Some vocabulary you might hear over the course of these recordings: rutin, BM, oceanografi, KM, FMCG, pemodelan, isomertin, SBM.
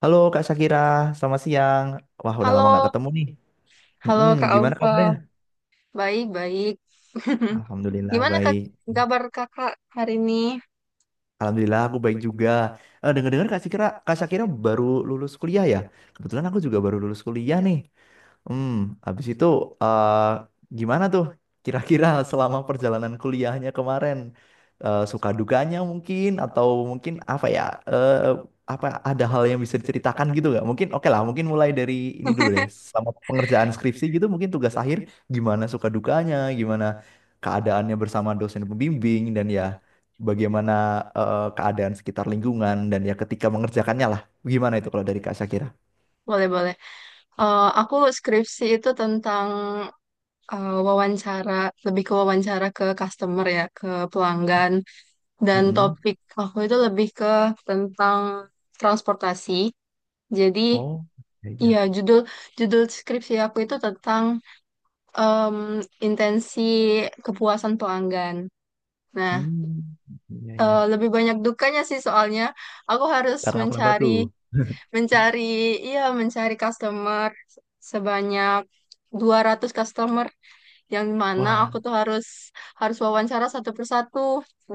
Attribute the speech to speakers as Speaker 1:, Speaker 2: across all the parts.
Speaker 1: Halo Kak Shakira, selamat siang. Wah, udah lama nggak
Speaker 2: Halo,
Speaker 1: ketemu nih. Mm-mm,
Speaker 2: halo Kak
Speaker 1: gimana
Speaker 2: Alfa.
Speaker 1: kabarnya?
Speaker 2: Baik, baik.
Speaker 1: Alhamdulillah
Speaker 2: Gimana Kak
Speaker 1: baik.
Speaker 2: kabar Kakak hari ini?
Speaker 1: Alhamdulillah aku baik juga. Dengar-dengar Kak Sakira, Kak Sakira baru lulus kuliah ya? Kebetulan aku juga baru lulus kuliah nih. Hmm, habis itu eh, gimana tuh kira-kira selama perjalanan kuliahnya kemarin? Suka dukanya mungkin atau mungkin apa ya? Eh, Apa ada hal yang bisa diceritakan gitu nggak? Mungkin oke lah, mungkin mulai dari ini dulu deh. Selama pengerjaan skripsi gitu mungkin tugas akhir gimana suka dukanya, gimana keadaannya bersama dosen pembimbing dan ya bagaimana keadaan sekitar lingkungan dan ya ketika mengerjakannya lah. Gimana itu kalau dari Kak Syakira?
Speaker 2: Boleh, boleh. Aku skripsi itu tentang wawancara, lebih ke wawancara ke customer ya, ke pelanggan. Dan
Speaker 1: Mm-mm.
Speaker 2: topik aku itu lebih ke tentang transportasi. Jadi,
Speaker 1: Oh, iya
Speaker 2: iya
Speaker 1: iya.
Speaker 2: judul judul skripsi aku itu tentang em, intensi kepuasan pelanggan. Nah,
Speaker 1: Hmm, iya iya.
Speaker 2: lebih banyak dukanya sih soalnya aku harus
Speaker 1: Karena kenapa
Speaker 2: mencari
Speaker 1: tuh?
Speaker 2: mencari iya mencari customer sebanyak 200 customer yang mana
Speaker 1: Wah,
Speaker 2: aku tuh harus harus wawancara satu persatu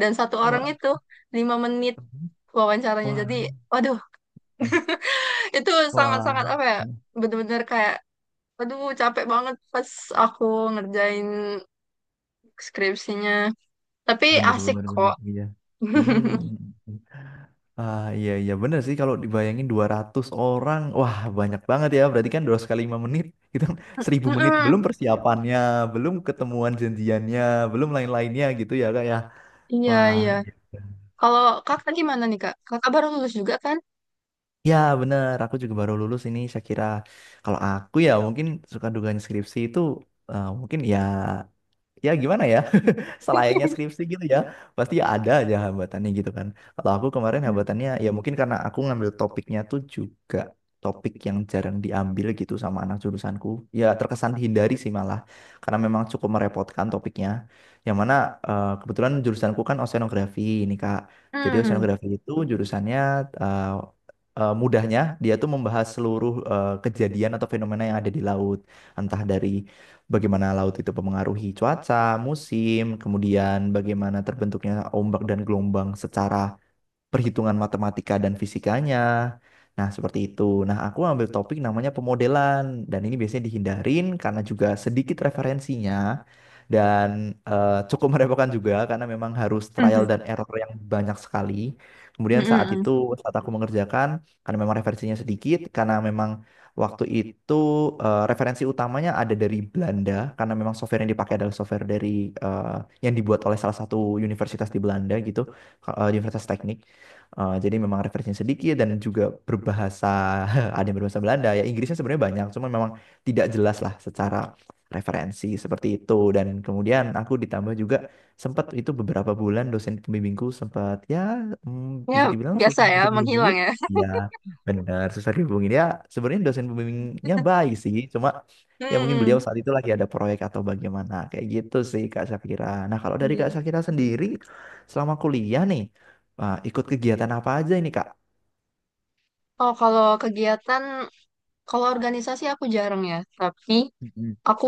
Speaker 2: dan satu orang
Speaker 1: wah,
Speaker 2: itu 5 menit wawancaranya
Speaker 1: wah,
Speaker 2: jadi waduh itu sangat-sangat
Speaker 1: wah.
Speaker 2: apa ya bener-bener kayak aduh capek banget pas aku ngerjain skripsinya tapi
Speaker 1: Bener
Speaker 2: asik
Speaker 1: bener bener
Speaker 2: kok.
Speaker 1: iya. Hmm. Ah, iya iya bener sih kalau dibayangin 200 orang, wah banyak banget ya. Berarti kan 2 kali 5 menit itu kan 1000 menit
Speaker 2: Mm-mm,
Speaker 1: belum persiapannya, belum ketemuan janjiannya, belum lain-lainnya gitu ya Kak ya.
Speaker 2: iya
Speaker 1: Wah,
Speaker 2: iya.
Speaker 1: iya.
Speaker 2: Kalau kakak gimana nih kak? Kakak baru lulus juga kan?
Speaker 1: Ya bener, aku juga baru lulus ini. Saya kira kalau aku ya mungkin suka dugaan skripsi itu mungkin ya ya gimana ya selayaknya skripsi gitu ya pasti ya ada aja hambatannya gitu kan kalau aku kemarin
Speaker 2: Hmm.
Speaker 1: hambatannya ya mungkin karena aku ngambil topiknya tuh juga topik yang jarang diambil gitu sama anak jurusanku ya terkesan dihindari sih malah karena memang cukup merepotkan topiknya yang mana kebetulan jurusanku kan oceanografi ini kak jadi
Speaker 2: Hmm.
Speaker 1: oceanografi itu jurusannya eh, mudahnya dia tuh membahas seluruh kejadian atau fenomena yang ada di laut entah dari bagaimana laut itu mempengaruhi cuaca, musim, kemudian bagaimana terbentuknya ombak dan gelombang secara perhitungan matematika dan fisikanya. Nah, seperti itu. Nah, aku ambil topik namanya pemodelan dan ini biasanya dihindarin karena juga sedikit referensinya dan cukup merepotkan juga karena memang harus trial
Speaker 2: Hmm.
Speaker 1: dan error yang banyak sekali.
Speaker 2: Hmm.
Speaker 1: Kemudian saat
Speaker 2: Hmm.
Speaker 1: itu saat aku mengerjakan karena memang referensinya sedikit karena memang waktu itu referensi utamanya ada dari Belanda karena memang software yang dipakai adalah software dari eh, yang dibuat oleh salah satu universitas di Belanda gitu, Universitas Teknik. Jadi memang referensinya sedikit dan juga berbahasa ada yang berbahasa Belanda ya Inggrisnya sebenarnya banyak cuma memang tidak jelas lah secara referensi seperti itu dan kemudian aku ditambah juga sempat itu beberapa bulan dosen pembimbingku sempat ya
Speaker 2: Ya
Speaker 1: bisa dibilang
Speaker 2: biasa
Speaker 1: susah
Speaker 2: ya,
Speaker 1: untuk
Speaker 2: menghilang
Speaker 1: dihubungin
Speaker 2: ya.
Speaker 1: ya benar susah dihubungin ya sebenarnya dosen pembimbingnya baik sih cuma ya mungkin
Speaker 2: Hmm.
Speaker 1: beliau saat itu lagi ada proyek atau bagaimana kayak gitu sih Kak Syafira nah kalau dari
Speaker 2: Iya.
Speaker 1: Kak Syafira sendiri selama kuliah nih. Wah, ikut kegiatan apa aja ini, Kak?
Speaker 2: Oh kalau kegiatan, kalau organisasi aku jarang ya. Tapi
Speaker 1: Mm-mm.
Speaker 2: aku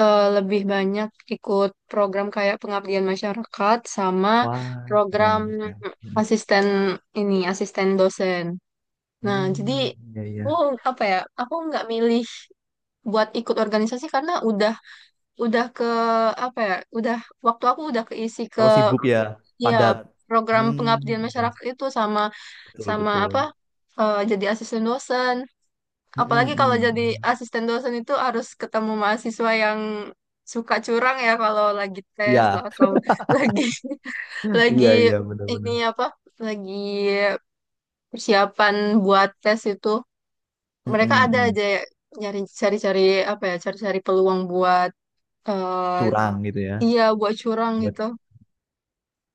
Speaker 2: lebih banyak ikut program kayak pengabdian masyarakat sama
Speaker 1: Wah,
Speaker 2: program
Speaker 1: keren, keren. Mm.
Speaker 2: asisten ini, asisten dosen. Nah jadi
Speaker 1: Hmm, iya,
Speaker 2: aku
Speaker 1: iya.
Speaker 2: apa ya? Aku nggak milih buat ikut organisasi karena udah ke apa ya udah waktu aku udah keisi ke
Speaker 1: Harus sibuk ya,
Speaker 2: ya
Speaker 1: padat.
Speaker 2: program pengabdian
Speaker 1: Hmm, ya
Speaker 2: masyarakat itu sama
Speaker 1: betul,
Speaker 2: sama apa
Speaker 1: betul.
Speaker 2: eh, jadi asisten dosen apalagi
Speaker 1: Mm-mm,
Speaker 2: kalau
Speaker 1: mm.
Speaker 2: jadi asisten dosen itu harus ketemu mahasiswa yang suka curang ya kalau lagi tes lah
Speaker 1: Iya,
Speaker 2: atau lagi lagi
Speaker 1: iya, iya,
Speaker 2: ini
Speaker 1: benar-benar.
Speaker 2: apa lagi persiapan buat tes itu mereka
Speaker 1: Mm-mm,
Speaker 2: ada
Speaker 1: mm.
Speaker 2: aja ya, nyari cari-cari apa ya cari-cari peluang buat eh,
Speaker 1: Curang gitu ya.
Speaker 2: iya buat curang
Speaker 1: Buat,
Speaker 2: gitu.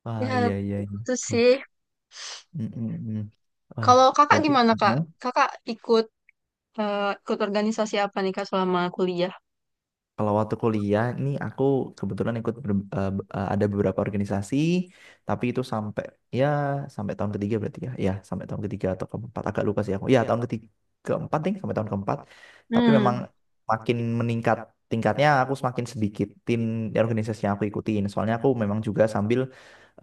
Speaker 1: ah
Speaker 2: Ya,
Speaker 1: iya, iya, iya.
Speaker 2: itu
Speaker 1: Oh,
Speaker 2: sih.
Speaker 1: mm-mm, mm. Wah,
Speaker 2: Kalau kakak
Speaker 1: berarti
Speaker 2: gimana, Kak?
Speaker 1: no?
Speaker 2: Kakak ikut ikut organisasi apa nih, Kak, selama kuliah?
Speaker 1: Kalau waktu kuliah nih aku kebetulan ikut ber- eh, b- eh, ada beberapa organisasi, tapi itu sampai ya sampai tahun ketiga berarti ya, ya sampai tahun ketiga atau keempat agak lupa sih aku. Ya tahun ketiga keempat nih sampai tahun keempat, tapi memang
Speaker 2: Hmm.
Speaker 1: makin meningkat tingkatnya aku semakin sedikitin organisasi yang aku ikutin. Soalnya aku memang juga sambil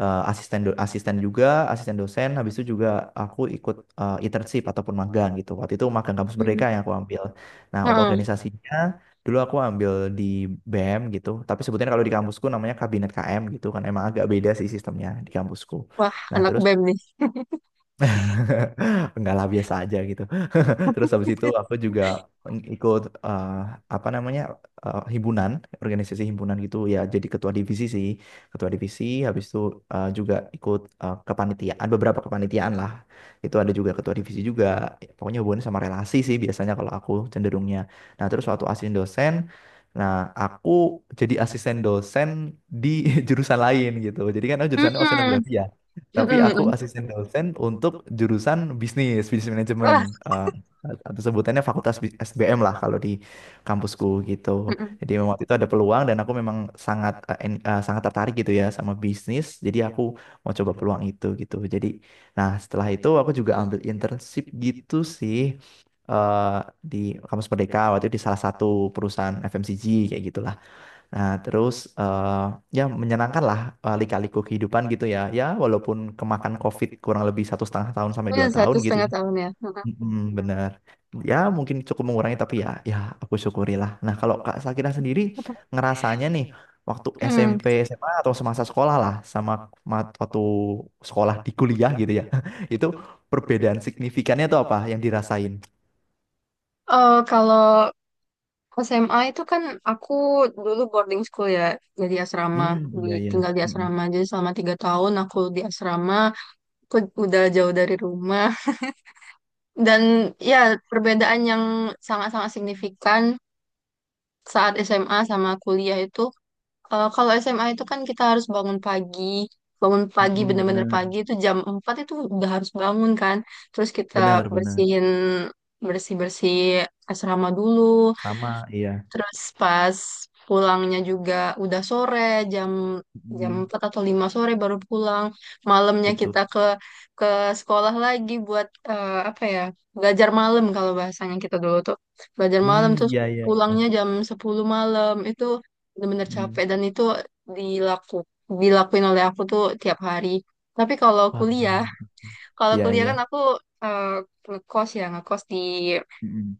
Speaker 1: asisten juga, asisten dosen, habis itu juga aku ikut internship ataupun magang gitu. Waktu itu magang kampus
Speaker 2: Hmm.
Speaker 1: mereka yang aku ambil. Nah, untuk
Speaker 2: Heeh.
Speaker 1: organisasinya dulu aku ambil di BM gitu tapi sebetulnya kalau di kampusku namanya kabinet KM gitu kan emang agak beda sih sistemnya di kampusku
Speaker 2: Wah,
Speaker 1: nah
Speaker 2: anak
Speaker 1: terus
Speaker 2: BEM nih.
Speaker 1: enggak lah biasa aja gitu. Terus habis itu aku juga ikut eh, apa namanya himpunan, organisasi himpunan gitu ya jadi ketua divisi sih. Ketua divisi habis itu juga ikut kepanitiaan beberapa kepanitiaan lah. Itu ada juga ketua divisi juga. Ya, pokoknya hubungannya sama relasi sih biasanya kalau aku cenderungnya. Nah, terus waktu asisten dosen nah, aku jadi asisten dosen di jurusan lain gitu. Jadi kan aku jurusannya
Speaker 2: Hmm.
Speaker 1: oceanografi ya. Tapi
Speaker 2: Hmm.
Speaker 1: aku
Speaker 2: Hmm.
Speaker 1: asisten dosen untuk jurusan bisnis, bisnis manajemen.
Speaker 2: Wah.
Speaker 1: eh, atau sebutannya SBM lah kalau di kampusku gitu. Jadi
Speaker 2: Hmm.
Speaker 1: memang waktu itu ada peluang dan aku memang sangat sangat tertarik gitu ya sama bisnis. Jadi aku mau coba peluang itu gitu. Jadi nah setelah itu aku juga ambil internship gitu sih eh, di kampus Merdeka waktu itu di salah satu perusahaan FMCG kayak gitulah. Nah, terus eh, ya menyenangkan lah lika-liku kehidupan gitu ya. Ya, walaupun kemakan COVID kurang lebih satu setengah tahun sampai
Speaker 2: Ya,
Speaker 1: dua tahun
Speaker 2: satu
Speaker 1: gitu
Speaker 2: setengah
Speaker 1: ya.
Speaker 2: tahun ya. Hmm.
Speaker 1: Mm-mm, bener. Ya, mungkin cukup mengurangi tapi ya, ya aku syukurilah. Nah, kalau Kak Sakira sendiri ngerasanya nih waktu
Speaker 2: Hmm.
Speaker 1: SMP, SMA atau semasa sekolah lah sama waktu sekolah di kuliah gitu ya. Itu perbedaan signifikannya tuh apa yang dirasain?
Speaker 2: Kalau SMA itu kan aku dulu boarding school ya, jadi asrama,
Speaker 1: Hmm,
Speaker 2: di,
Speaker 1: iya iya.
Speaker 2: tinggal di asrama.
Speaker 1: Mm-mm.
Speaker 2: Jadi selama 3 tahun aku di asrama, aku udah jauh dari rumah. Dan ya perbedaan yang sangat-sangat signifikan saat SMA sama kuliah itu kalau SMA itu kan kita harus bangun pagi
Speaker 1: Mm-mm,
Speaker 2: bener-bener
Speaker 1: bener,
Speaker 2: pagi itu jam 4 itu udah harus bangun kan terus kita
Speaker 1: bener, bener.
Speaker 2: bersihin bersih-bersih asrama dulu.
Speaker 1: Sama, iya.
Speaker 2: Terus pas pulangnya juga udah sore, jam jam
Speaker 1: Mm-mm.
Speaker 2: 4 atau 5 sore baru pulang. Malamnya
Speaker 1: Betul.
Speaker 2: kita ke sekolah lagi buat apa ya? Belajar malam kalau bahasanya kita dulu tuh. Belajar malam
Speaker 1: Hmm,
Speaker 2: terus
Speaker 1: iya iya
Speaker 2: pulangnya
Speaker 1: iya.
Speaker 2: jam 10 malam. Itu bener-bener capek
Speaker 1: Hmm,
Speaker 2: dan itu dilaku dilakuin oleh aku tuh tiap hari. Tapi
Speaker 1: wah.
Speaker 2: kalau
Speaker 1: Iya
Speaker 2: kuliah kan
Speaker 1: iya.
Speaker 2: aku eh, ngekos ya, ngekos
Speaker 1: Mm-mm.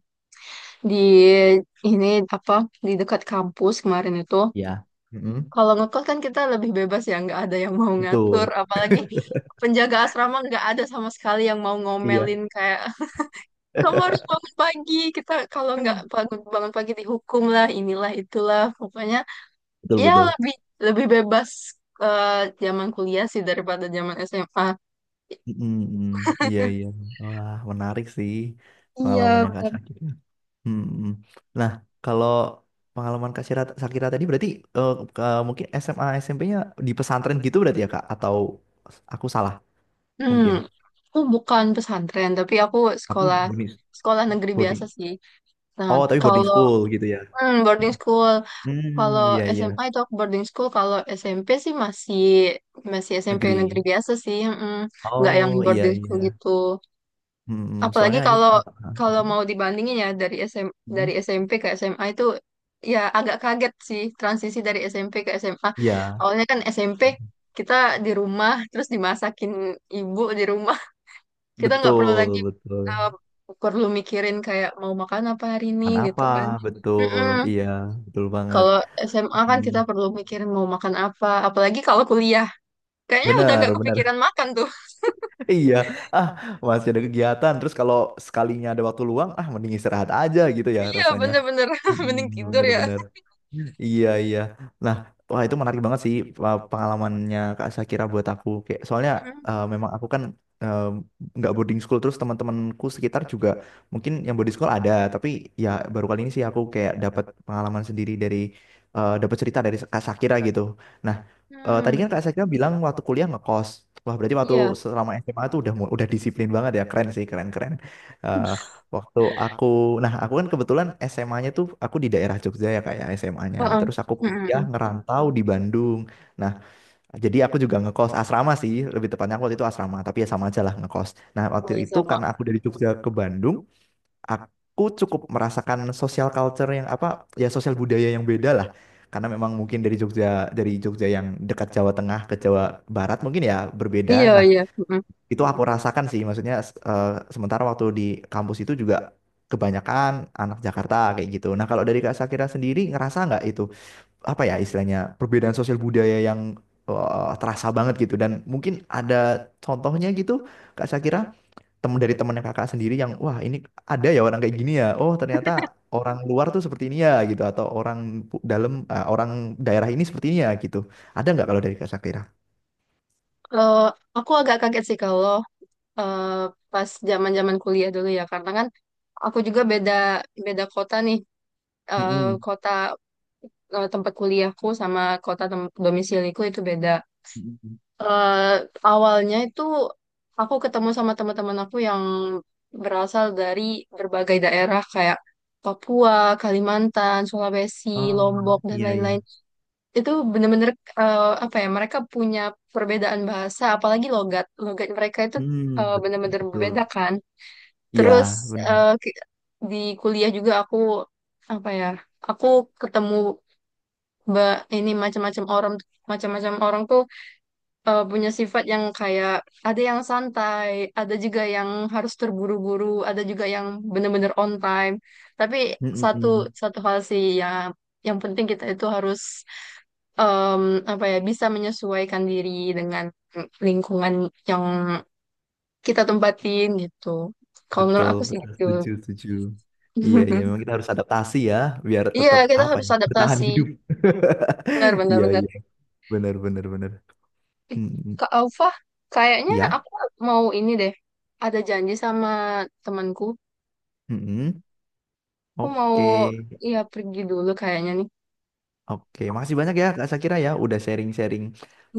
Speaker 2: di ini apa di dekat kampus kemarin itu
Speaker 1: Ya. Mm-mm.
Speaker 2: kalau ngekos kan kita lebih bebas ya nggak ada yang mau ngatur
Speaker 1: Betul.
Speaker 2: apalagi penjaga asrama nggak ada sama sekali yang mau
Speaker 1: Iya.
Speaker 2: ngomelin kayak kamu harus bangun pagi kita kalau nggak bangun bangun pagi dihukum lah inilah itulah pokoknya
Speaker 1: Betul
Speaker 2: ya
Speaker 1: betul.
Speaker 2: lebih lebih bebas eh, zaman kuliah sih daripada zaman SMA.
Speaker 1: Mm-mm, mm. Iya iya. Wah, menarik sih
Speaker 2: Iya,
Speaker 1: pengalamannya Kak
Speaker 2: benar.
Speaker 1: Sakira. Mm-mm. Nah, kalau pengalaman Sakira tadi berarti mungkin SMA SMP-nya di pesantren gitu berarti ya Kak atau aku salah
Speaker 2: Hmm,
Speaker 1: mungkin.
Speaker 2: aku bukan pesantren, tapi aku
Speaker 1: Tapi
Speaker 2: sekolah
Speaker 1: boarding
Speaker 2: sekolah negeri
Speaker 1: boarding.
Speaker 2: biasa sih. Nah,
Speaker 1: Oh, tapi boarding
Speaker 2: kalau
Speaker 1: school gitu ya.
Speaker 2: Hmm, boarding
Speaker 1: Mm.
Speaker 2: school. Kalau
Speaker 1: Hmm, iya iya.
Speaker 2: SMA itu aku boarding school. Kalau SMP sih masih masih SMP negeri
Speaker 1: Negeri.
Speaker 2: biasa sih. Mm, nggak yang
Speaker 1: Oh iya
Speaker 2: boarding school
Speaker 1: iya.
Speaker 2: gitu.
Speaker 1: Mm,
Speaker 2: Apalagi
Speaker 1: soalnya ini
Speaker 2: kalau
Speaker 1: pengalaman.
Speaker 2: kalau mau dibandingin ya dari SM dari
Speaker 1: Mm,
Speaker 2: SMP ke SMA itu ya agak kaget sih transisi dari SMP ke SMA.
Speaker 1: iya
Speaker 2: Awalnya kan SMP kita di rumah terus dimasakin ibu di rumah. Kita nggak perlu lagi
Speaker 1: betul
Speaker 2: eh,
Speaker 1: betul.
Speaker 2: perlu mikirin kayak mau makan apa hari ini
Speaker 1: Kan
Speaker 2: gitu
Speaker 1: apa?
Speaker 2: kan.
Speaker 1: Betul.
Speaker 2: Mm-mm.
Speaker 1: Iya betul banget.
Speaker 2: Kalau SMA kan
Speaker 1: Mm,
Speaker 2: kita perlu mikirin mau makan apa, apalagi kalau kuliah. Kayaknya udah nggak
Speaker 1: benar
Speaker 2: kepikiran
Speaker 1: benar.
Speaker 2: makan tuh.
Speaker 1: Iya. Ah masih ada kegiatan. Terus kalau sekalinya ada waktu luang, ah mending istirahat aja gitu ya
Speaker 2: Iya,
Speaker 1: rasanya.
Speaker 2: bener-bener.
Speaker 1: Mm-mm,
Speaker 2: Mending tidur ya.
Speaker 1: benar-benar. Iya iya. Nah, wah itu menarik banget sih pengalamannya Kak Sakira buat aku. Kayak soalnya
Speaker 2: Mm-mm.
Speaker 1: memang aku kan eh, nggak boarding school terus teman-temanku sekitar juga mungkin yang boarding school ada, tapi ya baru kali ini sih aku kayak dapat pengalaman sendiri dari dapat cerita dari Kak Sakira gitu. Nah, tadi
Speaker 2: Hmm,
Speaker 1: kan Kak Sakira bilang waktu kuliah ngekos. Wah, berarti waktu
Speaker 2: iya.
Speaker 1: selama SMA tuh udah disiplin banget ya. Keren sih, keren-keren. Waktu aku, nah aku kan kebetulan SMA-nya tuh aku di daerah Jogja ya kayak SMA-nya.
Speaker 2: Heeh.
Speaker 1: Terus aku kuliah
Speaker 2: Mm-mm.
Speaker 1: ngerantau di Bandung. Nah, jadi aku juga ngekos asrama sih, lebih tepatnya aku waktu itu asrama, tapi ya sama aja lah ngekos. Nah, waktu
Speaker 2: Iya
Speaker 1: itu
Speaker 2: sama.
Speaker 1: karena aku dari Jogja ke Bandung, aku cukup merasakan social culture yang apa, ya sosial budaya yang beda lah. Karena memang mungkin dari Jogja yang dekat Jawa Tengah ke Jawa Barat mungkin ya berbeda.
Speaker 2: Iya,
Speaker 1: Nah,
Speaker 2: iya. Mm-mm.
Speaker 1: itu aku rasakan sih, maksudnya eh, sementara waktu di kampus itu juga kebanyakan anak Jakarta kayak gitu. Nah, kalau dari Kak Sakira sendiri ngerasa nggak itu apa ya istilahnya perbedaan sosial budaya yang terasa banget gitu dan mungkin ada contohnya gitu Kak Sakira temen dari temennya kakak sendiri yang wah ini ada ya orang kayak gini ya. Oh, ternyata orang luar tuh seperti ini ya gitu atau orang orang daerah ini seperti ini ya gitu. Ada nggak kalau dari Kak Sakira?
Speaker 2: Eh, aku agak kaget sih kalau eh, pas zaman-zaman kuliah dulu ya, karena kan aku juga beda beda kota nih. Eh,
Speaker 1: Mm-mm.
Speaker 2: kota tempat kuliahku sama kota tem- domisiliku itu beda.
Speaker 1: Mm-mm.
Speaker 2: eh awalnya itu aku ketemu sama teman-teman aku yang berasal dari berbagai daerah kayak Papua, Kalimantan, Sulawesi,
Speaker 1: Oh,
Speaker 2: Lombok dan
Speaker 1: iya iya.
Speaker 2: lain-lain. Itu bener-bener apa ya? Mereka punya perbedaan bahasa, apalagi logat. Logat mereka itu
Speaker 1: Hmm, bet-
Speaker 2: bener-bener berbeda
Speaker 1: betul.
Speaker 2: kan.
Speaker 1: Iya,
Speaker 2: Terus
Speaker 1: benar.
Speaker 2: eh, ki- di kuliah juga aku apa ya? Aku ketemu ba- ini macam-macam orang tuh punya sifat yang kayak ada yang santai, ada juga yang harus terburu-buru, ada juga yang bener-bener on time. Tapi satu
Speaker 1: Mm-mm.
Speaker 2: satu hal sih ya, yang penting kita itu harus em, apa ya bisa menyesuaikan diri dengan lingkungan yang kita tempatin gitu. Kalau menurut
Speaker 1: Betul,
Speaker 2: aku sih
Speaker 1: betul.
Speaker 2: gitu.
Speaker 1: Setuju, setuju. Iya, iya. Memang kita harus adaptasi ya, biar
Speaker 2: Iya,
Speaker 1: tetap
Speaker 2: kita
Speaker 1: apa
Speaker 2: harus
Speaker 1: ya, bertahan
Speaker 2: adaptasi.
Speaker 1: hidup.
Speaker 2: Benar, benar,
Speaker 1: Iya,
Speaker 2: benar.
Speaker 1: iya. Benar, benar, benar. Mm-mm.
Speaker 2: Kak Alfa, kayaknya
Speaker 1: Iya.
Speaker 2: aku mau ini deh. Ada janji sama temanku.
Speaker 1: Mm-mm.
Speaker 2: Aku mau
Speaker 1: Oke,
Speaker 2: ya pergi dulu kayaknya nih.
Speaker 1: oke. Makasih banyak ya, Kak Sakira ya, udah sharing-sharing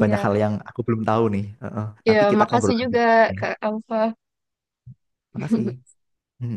Speaker 1: banyak hal yang aku belum tahu nih. Heeh.
Speaker 2: Ya,
Speaker 1: Nanti kita
Speaker 2: makasih
Speaker 1: ngobrol lagi.
Speaker 2: juga
Speaker 1: Iya.
Speaker 2: Kak Alfa.
Speaker 1: Makasih. Mm.